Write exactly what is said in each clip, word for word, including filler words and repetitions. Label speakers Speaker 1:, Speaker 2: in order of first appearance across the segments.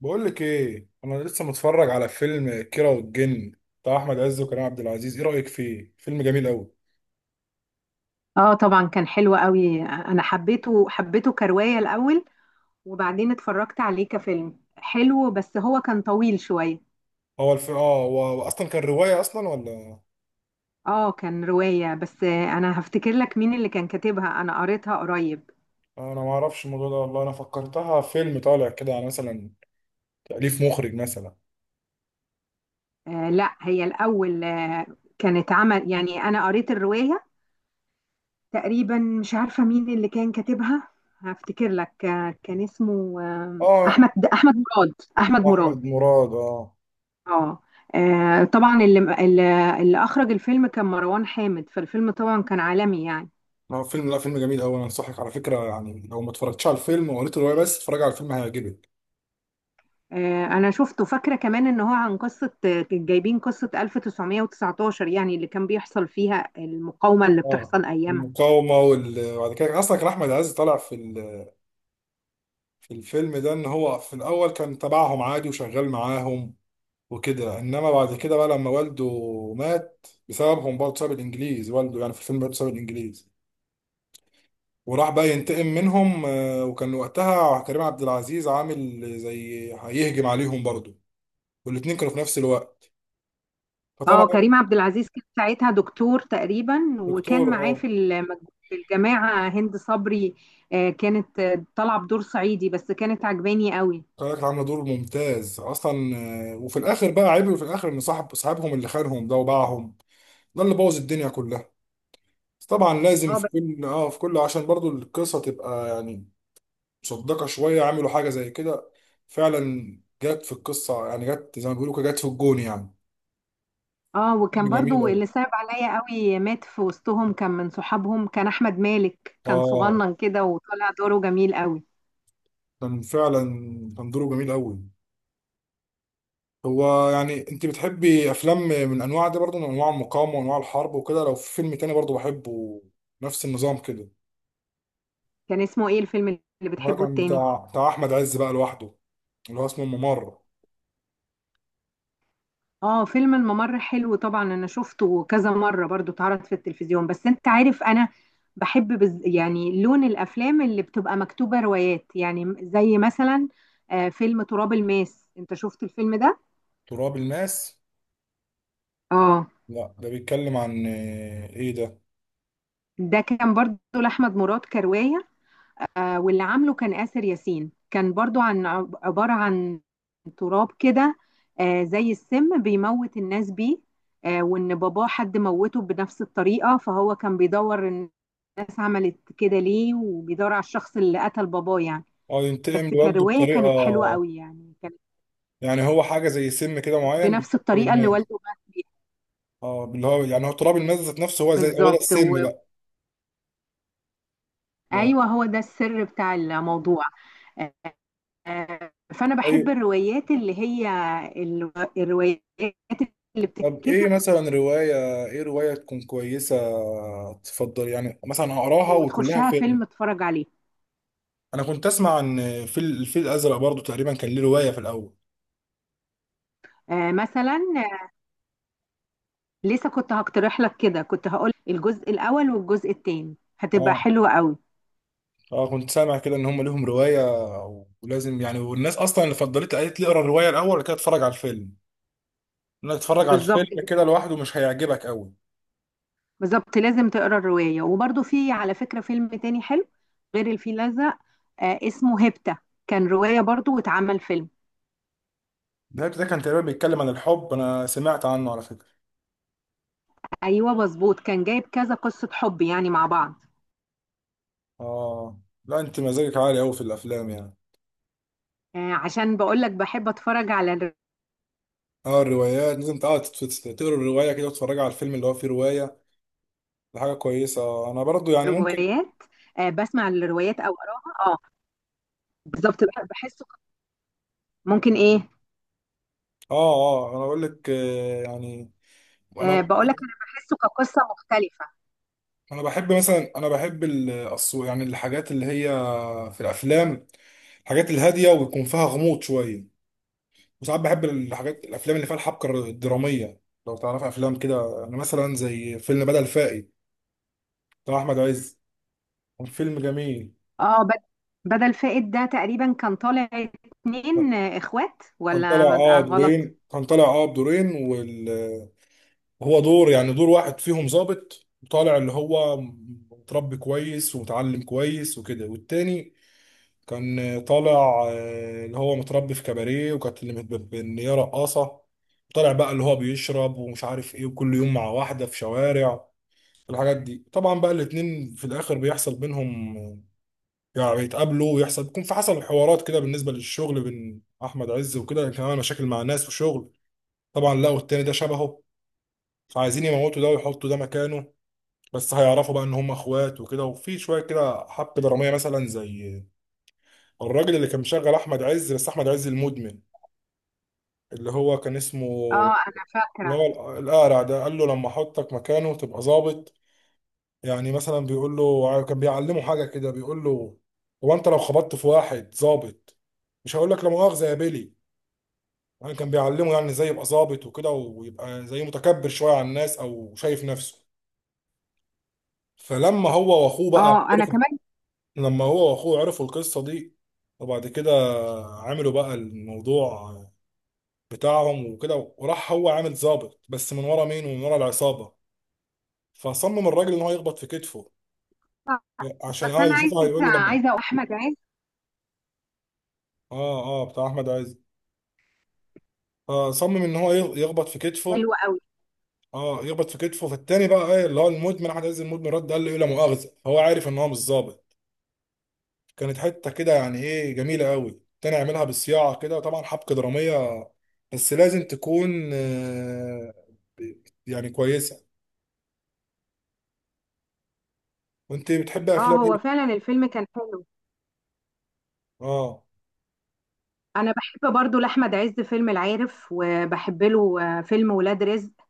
Speaker 1: بقول لك ايه، انا لسه متفرج على فيلم كيرة والجن بتاع احمد عز وكريم عبد العزيز. ايه رايك فيه؟ فيلم جميل قوي.
Speaker 2: اه طبعا كان حلو قوي، انا حبيته حبيته كرواية الاول، وبعدين اتفرجت عليه كفيلم حلو بس هو كان طويل شوية.
Speaker 1: هو الف... اه هو هو اصلا كان روايه اصلا ولا؟
Speaker 2: اه كان رواية بس آه، انا هفتكر لك مين اللي كان كاتبها، انا قريتها قريب.
Speaker 1: انا ما اعرفش الموضوع ده والله، انا فكرتها فيلم طالع كده، يعني مثلا تاليف مخرج مثلا.
Speaker 2: آه لا، هي الاول آه كانت عمل يعني، انا قريت الرواية تقريبا. مش عارفة مين اللي كان كاتبها، هفتكر لك آه كان اسمه آه احمد
Speaker 1: اه،
Speaker 2: احمد مراد، احمد
Speaker 1: احمد
Speaker 2: مراد.
Speaker 1: مراد. اه،
Speaker 2: اه آه، طبعا اللي اللي اللي اخرج الفيلم كان مروان حامد، فالفيلم طبعا كان عالمي يعني.
Speaker 1: هو فيلم، لا فيلم جميل قوي. انا انصحك على فكره، يعني لو ما اتفرجتش على الفيلم وقريت الروايه بس، اتفرج على الفيلم هيعجبك.
Speaker 2: آه، انا شفته، فاكره كمان ان هو عن قصه، آه، جايبين قصه ألف وتسعمئة وتسعة عشر يعني، اللي كان بيحصل فيها المقاومه اللي
Speaker 1: اه،
Speaker 2: بتحصل ايامها.
Speaker 1: المقاومه وال... وبعد كده اصلا كان احمد عز طالع في الفيلم ده ان هو في الاول كان تبعهم عادي وشغال معاهم وكده، انما بعد كده بقى لما والده مات بسببهم برضه، بسبب الانجليز، والده يعني في الفيلم برضه بسبب الانجليز، وراح بقى ينتقم منهم. آه، وكان وقتها كريم عبد العزيز عامل زي هيهجم عليهم برضه، والاتنين كانوا في نفس الوقت.
Speaker 2: اه، كريم
Speaker 1: فطبعا
Speaker 2: عبد العزيز كان ساعتها دكتور تقريبا،
Speaker 1: الدكتور،
Speaker 2: وكان معاه
Speaker 1: اه،
Speaker 2: في الم- في الجماعه هند صبري. آه، كانت آه، طالعه بدور صعيدي بس كانت عجباني قوي.
Speaker 1: كانت عامله دور ممتاز اصلا. آه، وفي الاخر بقى، عيب في الاخر ان صاحب صاحبهم اللي خانهم ده وباعهم ده اللي بوظ الدنيا كلها. بس طبعا لازم
Speaker 2: اه
Speaker 1: في كل، اه في كل، عشان برضو القصة تبقى يعني مصدقة شوية، عملوا حاجة زي كده فعلا. جت في القصة، يعني جت زي ما بيقولوا كده، جت في الجون يعني.
Speaker 2: اه،
Speaker 1: فيلم
Speaker 2: وكان
Speaker 1: جميل
Speaker 2: برضو
Speaker 1: أوي.
Speaker 2: اللي صعب عليا قوي مات في وسطهم، كان من صحابهم، كان احمد مالك، كان
Speaker 1: اه،
Speaker 2: صغنن كده وطلع دوره جميل قوي.
Speaker 1: كان فعلا كان دوره جميل أوي. هو يعني انت بتحبي افلام من انواع دي برضو، من انواع المقاومة وانواع الحرب وكده؟ لو في فيلم تاني برضو بحبه نفس النظام كده.
Speaker 2: كان اسمه ايه الفيلم اللي
Speaker 1: هو
Speaker 2: بتحبه
Speaker 1: كان
Speaker 2: التاني؟
Speaker 1: بتاع بتاع احمد عز بقى لوحده، اللي هو اسمه الممر.
Speaker 2: اه فيلم الممر حلو طبعا، انا شفته كذا مرة، برضو اتعرض في التلفزيون. بس انت عارف انا بحب بز... يعني لون الافلام اللي بتبقى مكتوبة روايات، يعني زي مثلا آه فيلم تراب الماس. انت شفت الفيلم ده؟
Speaker 1: تراب الماس؟
Speaker 2: اه
Speaker 1: لا، ده بيتكلم عن آه، ايه ده؟
Speaker 2: ده كان برضو لاحمد مراد كرواية، واللي عامله كان آسر ياسين، كان برضو عن، عبارة عن تراب كده، آه، زي السم بيموت الناس بيه. آه، وإن باباه حد موته بنفس الطريقة، فهو كان بيدور الناس عملت كده ليه، وبيدور على الشخص اللي قتل باباه يعني.
Speaker 1: اه،
Speaker 2: بس
Speaker 1: ينتقم لوالده
Speaker 2: كرواية
Speaker 1: بطريقه.
Speaker 2: كانت حلوة قوي يعني، كانت
Speaker 1: يعني هو حاجه زي سم كده معين
Speaker 2: بنفس
Speaker 1: بيحطه
Speaker 2: الطريقة اللي
Speaker 1: للناس.
Speaker 2: والده مات بيها.
Speaker 1: اه، اللي هو يعني هو تراب الناس ذات نفسه، هو زي، هو ده
Speaker 2: بالظبط و...
Speaker 1: السم بقى. اه.
Speaker 2: ايوه، هو ده السر بتاع الموضوع. آه، فانا
Speaker 1: ايوه.
Speaker 2: بحب الروايات اللي هي الرو- الروايات اللي
Speaker 1: طب ايه
Speaker 2: بتتكتب
Speaker 1: مثلا روايه، ايه روايه تكون كويسه تفضل يعني مثلا اقراها وكلها
Speaker 2: وتخشها
Speaker 1: فيلم؟
Speaker 2: فيلم اتفرج عليه.
Speaker 1: انا كنت اسمع عن، في الفيل الازرق برضو تقريبا كان ليه روايه في الاول.
Speaker 2: آه، مثلا، آه، لسه كنت هقترح لك كده، كنت هقول الجزء الاول والجزء الثاني هتبقى
Speaker 1: اه
Speaker 2: حلوه قوي.
Speaker 1: اه، كنت سامع كده ان هم ليهم روايه، ولازم يعني، والناس اصلا اللي فضلت قالت لي اقرا الروايه الاول وبعد كده اتفرج على الفيلم، انك تتفرج على
Speaker 2: بالظبط
Speaker 1: الفيلم
Speaker 2: كده.
Speaker 1: كده لوحده مش هيعجبك قوي.
Speaker 2: بالظبط لازم تقرا الروايه، وبرده في على فكره فيلم تاني حلو غير الفيل الازرق، آه، اسمه هيبتا، كان روايه برضه واتعمل فيلم.
Speaker 1: النبت ده كان تقريبا بيتكلم عن الحب، انا سمعت عنه على فكرة.
Speaker 2: ايوه مظبوط، كان جايب كذا قصه حب يعني مع بعض.
Speaker 1: اه، لا انت مزاجك عالي قوي في الافلام يعني.
Speaker 2: آه، عشان بقول لك بحب اتفرج على
Speaker 1: اه، الروايات لازم تقعد تت- تت- تقرا الرواية كده وتتفرج على الفيلم اللي هو فيه رواية. دي حاجة كويسة. آه، انا برضو يعني ممكن،
Speaker 2: روايات. آه، بسمع الروايات او اقراها، اه. بالظبط، بح- بحسه ك- ممكن ايه.
Speaker 1: اه اه، انا بقول لك، آه، يعني انا
Speaker 2: آه بقول لك انا بحسه كقصه مختلفه.
Speaker 1: انا بحب مثلا، انا بحب ال- الصو- يعني الحاجات اللي هي في الافلام، الحاجات الهادية ويكون فيها غموض شوية. وساعات بحب الحاجات الافلام اللي فيها الحبكة الدرامية. لو تعرف افلام كده، انا مثلا زي فيلم بدل فائد بتاع احمد عز، فيلم جميل.
Speaker 2: اه، بد- بدل فائد ده تقريبا كان طالع اتنين آه، اخوات،
Speaker 1: كان
Speaker 2: ولا
Speaker 1: طالع
Speaker 2: ما-
Speaker 1: اه
Speaker 2: آه، غلط.
Speaker 1: دورين، كان طالع اه بدورين وال... هو دور، يعني دور واحد فيهم ظابط طالع، اللي هو متربي كويس ومتعلم كويس وكده، والتاني كان طالع آه، اللي هو متربي في كباريه، وكانت اللي متب- ان هي رقاصه. طالع بقى اللي هو بيشرب ومش عارف ايه، وكل يوم مع واحده في شوارع، الحاجات دي. طبعا بقى الاتنين في الاخر بيحصل بينهم، يعني بيتقابلوا ويحصل، بيكون في، حصل حوارات كده بالنسبه للشغل بين احمد عز وكده، يعني كان عامل مشاكل مع ناس وشغل. طبعا لقوا التاني ده شبهه، فعايزين يموتوا ده ويحطوا ده مكانه، بس هيعرفوا بقى ان هم اخوات وكده. وفي شويه كده حبكه دراميه مثلا، زي الراجل اللي كان مشغل احمد عز، بس احمد عز المدمن اللي هو كان اسمه،
Speaker 2: اه انا
Speaker 1: اللي
Speaker 2: فاكره.
Speaker 1: هو القارع ده، قال له لما احطك مكانه تبقى ظابط، يعني مثلا بيقول له، كان بيعلمه حاجه كده، بيقول له هو انت لو خبطت في واحد ظابط مش هقول لك لا مؤاخذه يا بيلي، يعني كان بيعلمه يعني ازاي يبقى ظابط وكده، ويبقى زي متكبر شويه على الناس او شايف نفسه. فلما هو واخوه بقى
Speaker 2: اه انا
Speaker 1: عرفوا،
Speaker 2: كمان،
Speaker 1: لما هو واخوه عرفوا القصه دي، وبعد كده عملوا بقى الموضوع بتاعهم وكده، وراح هو عامل ظابط، بس من ورا مين؟ ومن ورا العصابه. فصمم الراجل ان هو يخبط في كتفه عشان
Speaker 2: بس
Speaker 1: اه
Speaker 2: انا
Speaker 1: يشوفه،
Speaker 2: عايزه
Speaker 1: هيقول له لما،
Speaker 2: عايزه أقول احمد عز
Speaker 1: اه اه، بتاع احمد عز، فصمم ان هو يغ- يخبط في
Speaker 2: ده
Speaker 1: كتفه.
Speaker 2: حلو قوي.
Speaker 1: اه، يخبط في كتفه، فالتاني بقى، ايه اللي هو، المدمن احمد عز المدمن، رد قال له ايه، لا مؤاخذه، فهو عارف ان هو مش ظابط. كانت حته كده يعني ايه، جميله قوي، تاني اعملها بالصياعه كده. طبعا حبكه دراميه بس لازم تكون آه، يعني كويسه. وانت بتحب
Speaker 2: اه
Speaker 1: افلام
Speaker 2: هو
Speaker 1: ايه؟
Speaker 2: فعلا الفيلم كان حلو.
Speaker 1: اه
Speaker 2: انا بحب برضو لاحمد عز فيلم العارف، وبحب له آه، فيلم ولاد رزق.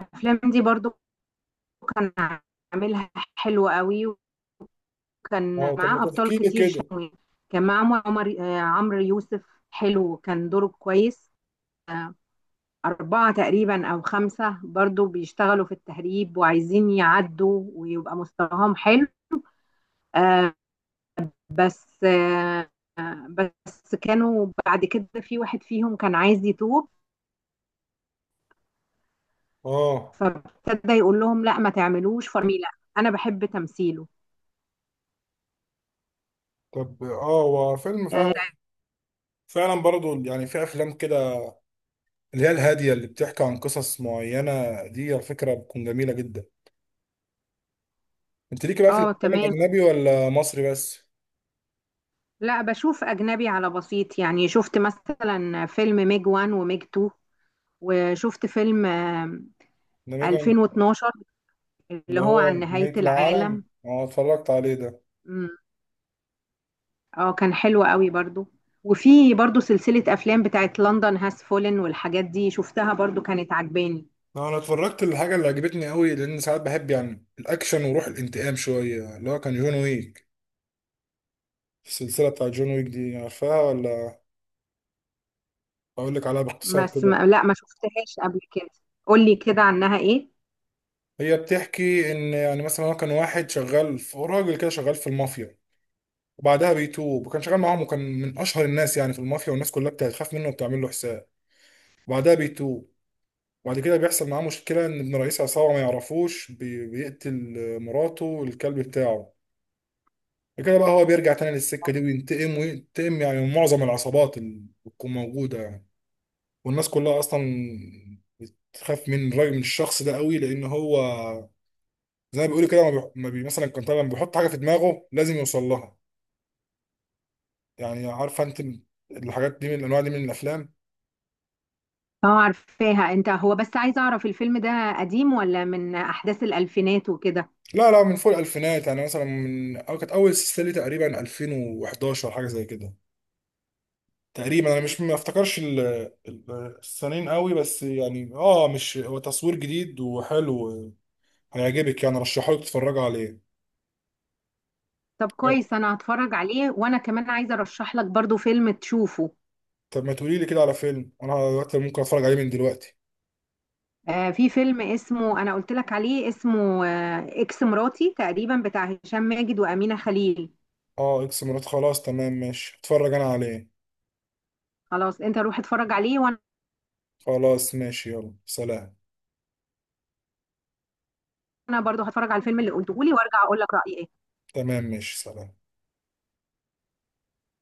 Speaker 2: الافلام دي برضو كان عاملها حلوة قوي، وكان
Speaker 1: اه، طب ما
Speaker 2: معاه أبطال
Speaker 1: تحكي لي
Speaker 2: كتير
Speaker 1: كده.
Speaker 2: شوي. كان معاه عمر عمر- آه، عمرو يوسف، حلو كان دوره كويس. أربعة تقريبا أو خمسة برضو بيشتغلوا في التهريب، وعايزين يعدوا ويبقى مستواهم حلو. آه بس آه آه، بس كانوا بعد كده في واحد فيهم كان عايز يتوب،
Speaker 1: اه،
Speaker 2: فابتدى يقول لهم لا ما تعملوش فرميلة. أنا بحب تمثيله.
Speaker 1: طب اه، هو فيلم فعلا، فعلا برضه يعني، في افلام كده اللي هي الهاديه اللي بتحكي عن قصص معينه، دي على فكره بتكون جميله جدا. انت ليك بقى في
Speaker 2: اه
Speaker 1: الافلام
Speaker 2: تمام.
Speaker 1: الاجنبي ولا مصري بس؟
Speaker 2: لا، بشوف أجنبي على بسيط، يعني شفت مثلا فيلم ميج واحد وميج اتنين، وشفت فيلم آم،
Speaker 1: ده
Speaker 2: ألفين واتناشر
Speaker 1: اللي
Speaker 2: اللي هو
Speaker 1: هو
Speaker 2: عن نهاية
Speaker 1: نهايه العالم؟
Speaker 2: العالم.
Speaker 1: اه، اتفرجت عليه ده.
Speaker 2: مم. اه كان حلو قوي برضو. وفي برضو سلسلة أفلام بتاعت لندن هاس فولن والحاجات دي، شفتها برضو كانت عجباني.
Speaker 1: انا اتفرجت الحاجه اللي عجبتني قوي، لان ساعات بحب يعني الاكشن وروح الانتقام شويه، اللي هو كان جون ويك. السلسله بتاع جون ويك دي عارفاها ولا؟ اقول لك عليها باختصار
Speaker 2: بس
Speaker 1: كده.
Speaker 2: ما لا، ما شفتهاش قبل كده، قولي كده عنها ايه.
Speaker 1: هي بتحكي ان يعني مثلا هو كان واحد شغال في، هو راجل كده شغال في المافيا، وبعدها بيتوب. وكان شغال معاهم وكان من اشهر الناس يعني في المافيا، والناس كلها بتخاف منه وبتعمل له حساب. وبعدها بيتوب، وبعد كده بيحصل معاه مشكله ان ابن رئيس عصابه ما يعرفوش بي- بيقتل مراته والكلب بتاعه. كده بقى هو بيرجع تاني للسكة دي وينتقم، وينتقم يعني من معظم العصابات اللي بتكون موجودة يعني. والناس كلها أصلا بتخاف من الراجل، من الشخص ده قوي، لأن هو زي ما بيقولوا كده، ما بيح- ما بي مثلا، كان طبعا بيحط حاجة في دماغه لازم يوصل لها. يعني عارفة أنت الحاجات دي من الأنواع دي من الأفلام.
Speaker 2: اه عارفاها، انت هو بس عايزة أعرف الفيلم ده قديم ولا من أحداث الألفينات وكده.
Speaker 1: لا لا، من فوق الألفينات، يعني مثلا من، أو كانت أول سلسلة ليه تقريبا ألفين وأحد عشر حاجة زي كده تقريبا، انا مش ما افتكرش ال- ال- السنين قوي، بس يعني اه، مش هو تصوير جديد وحلو، هيعجبك يعني، رشحه لك تتفرج عليه.
Speaker 2: طب كويس، انا هتفرج عليه. وانا كمان عايزه ارشح لك برضو فيلم تشوفه،
Speaker 1: طب ما تقولي لي كده على فيلم انا دلوقتي ممكن اتفرج عليه من دلوقتي.
Speaker 2: آه في فيلم اسمه، انا قلت لك عليه، اسمه آه اكس مراتي تقريبا، بتاع هشام ماجد وامينه خليل.
Speaker 1: اه، اكس مرات، خلاص تمام ماشي، اتفرج انا عليه.
Speaker 2: خلاص، انت روح اتفرج عليه، وانا
Speaker 1: خلاص ماشي، يلا سلام.
Speaker 2: برضو هتفرج على الفيلم اللي قلته لي وارجع اقول لك رايي ايه.
Speaker 1: تمام ماشي، سلام.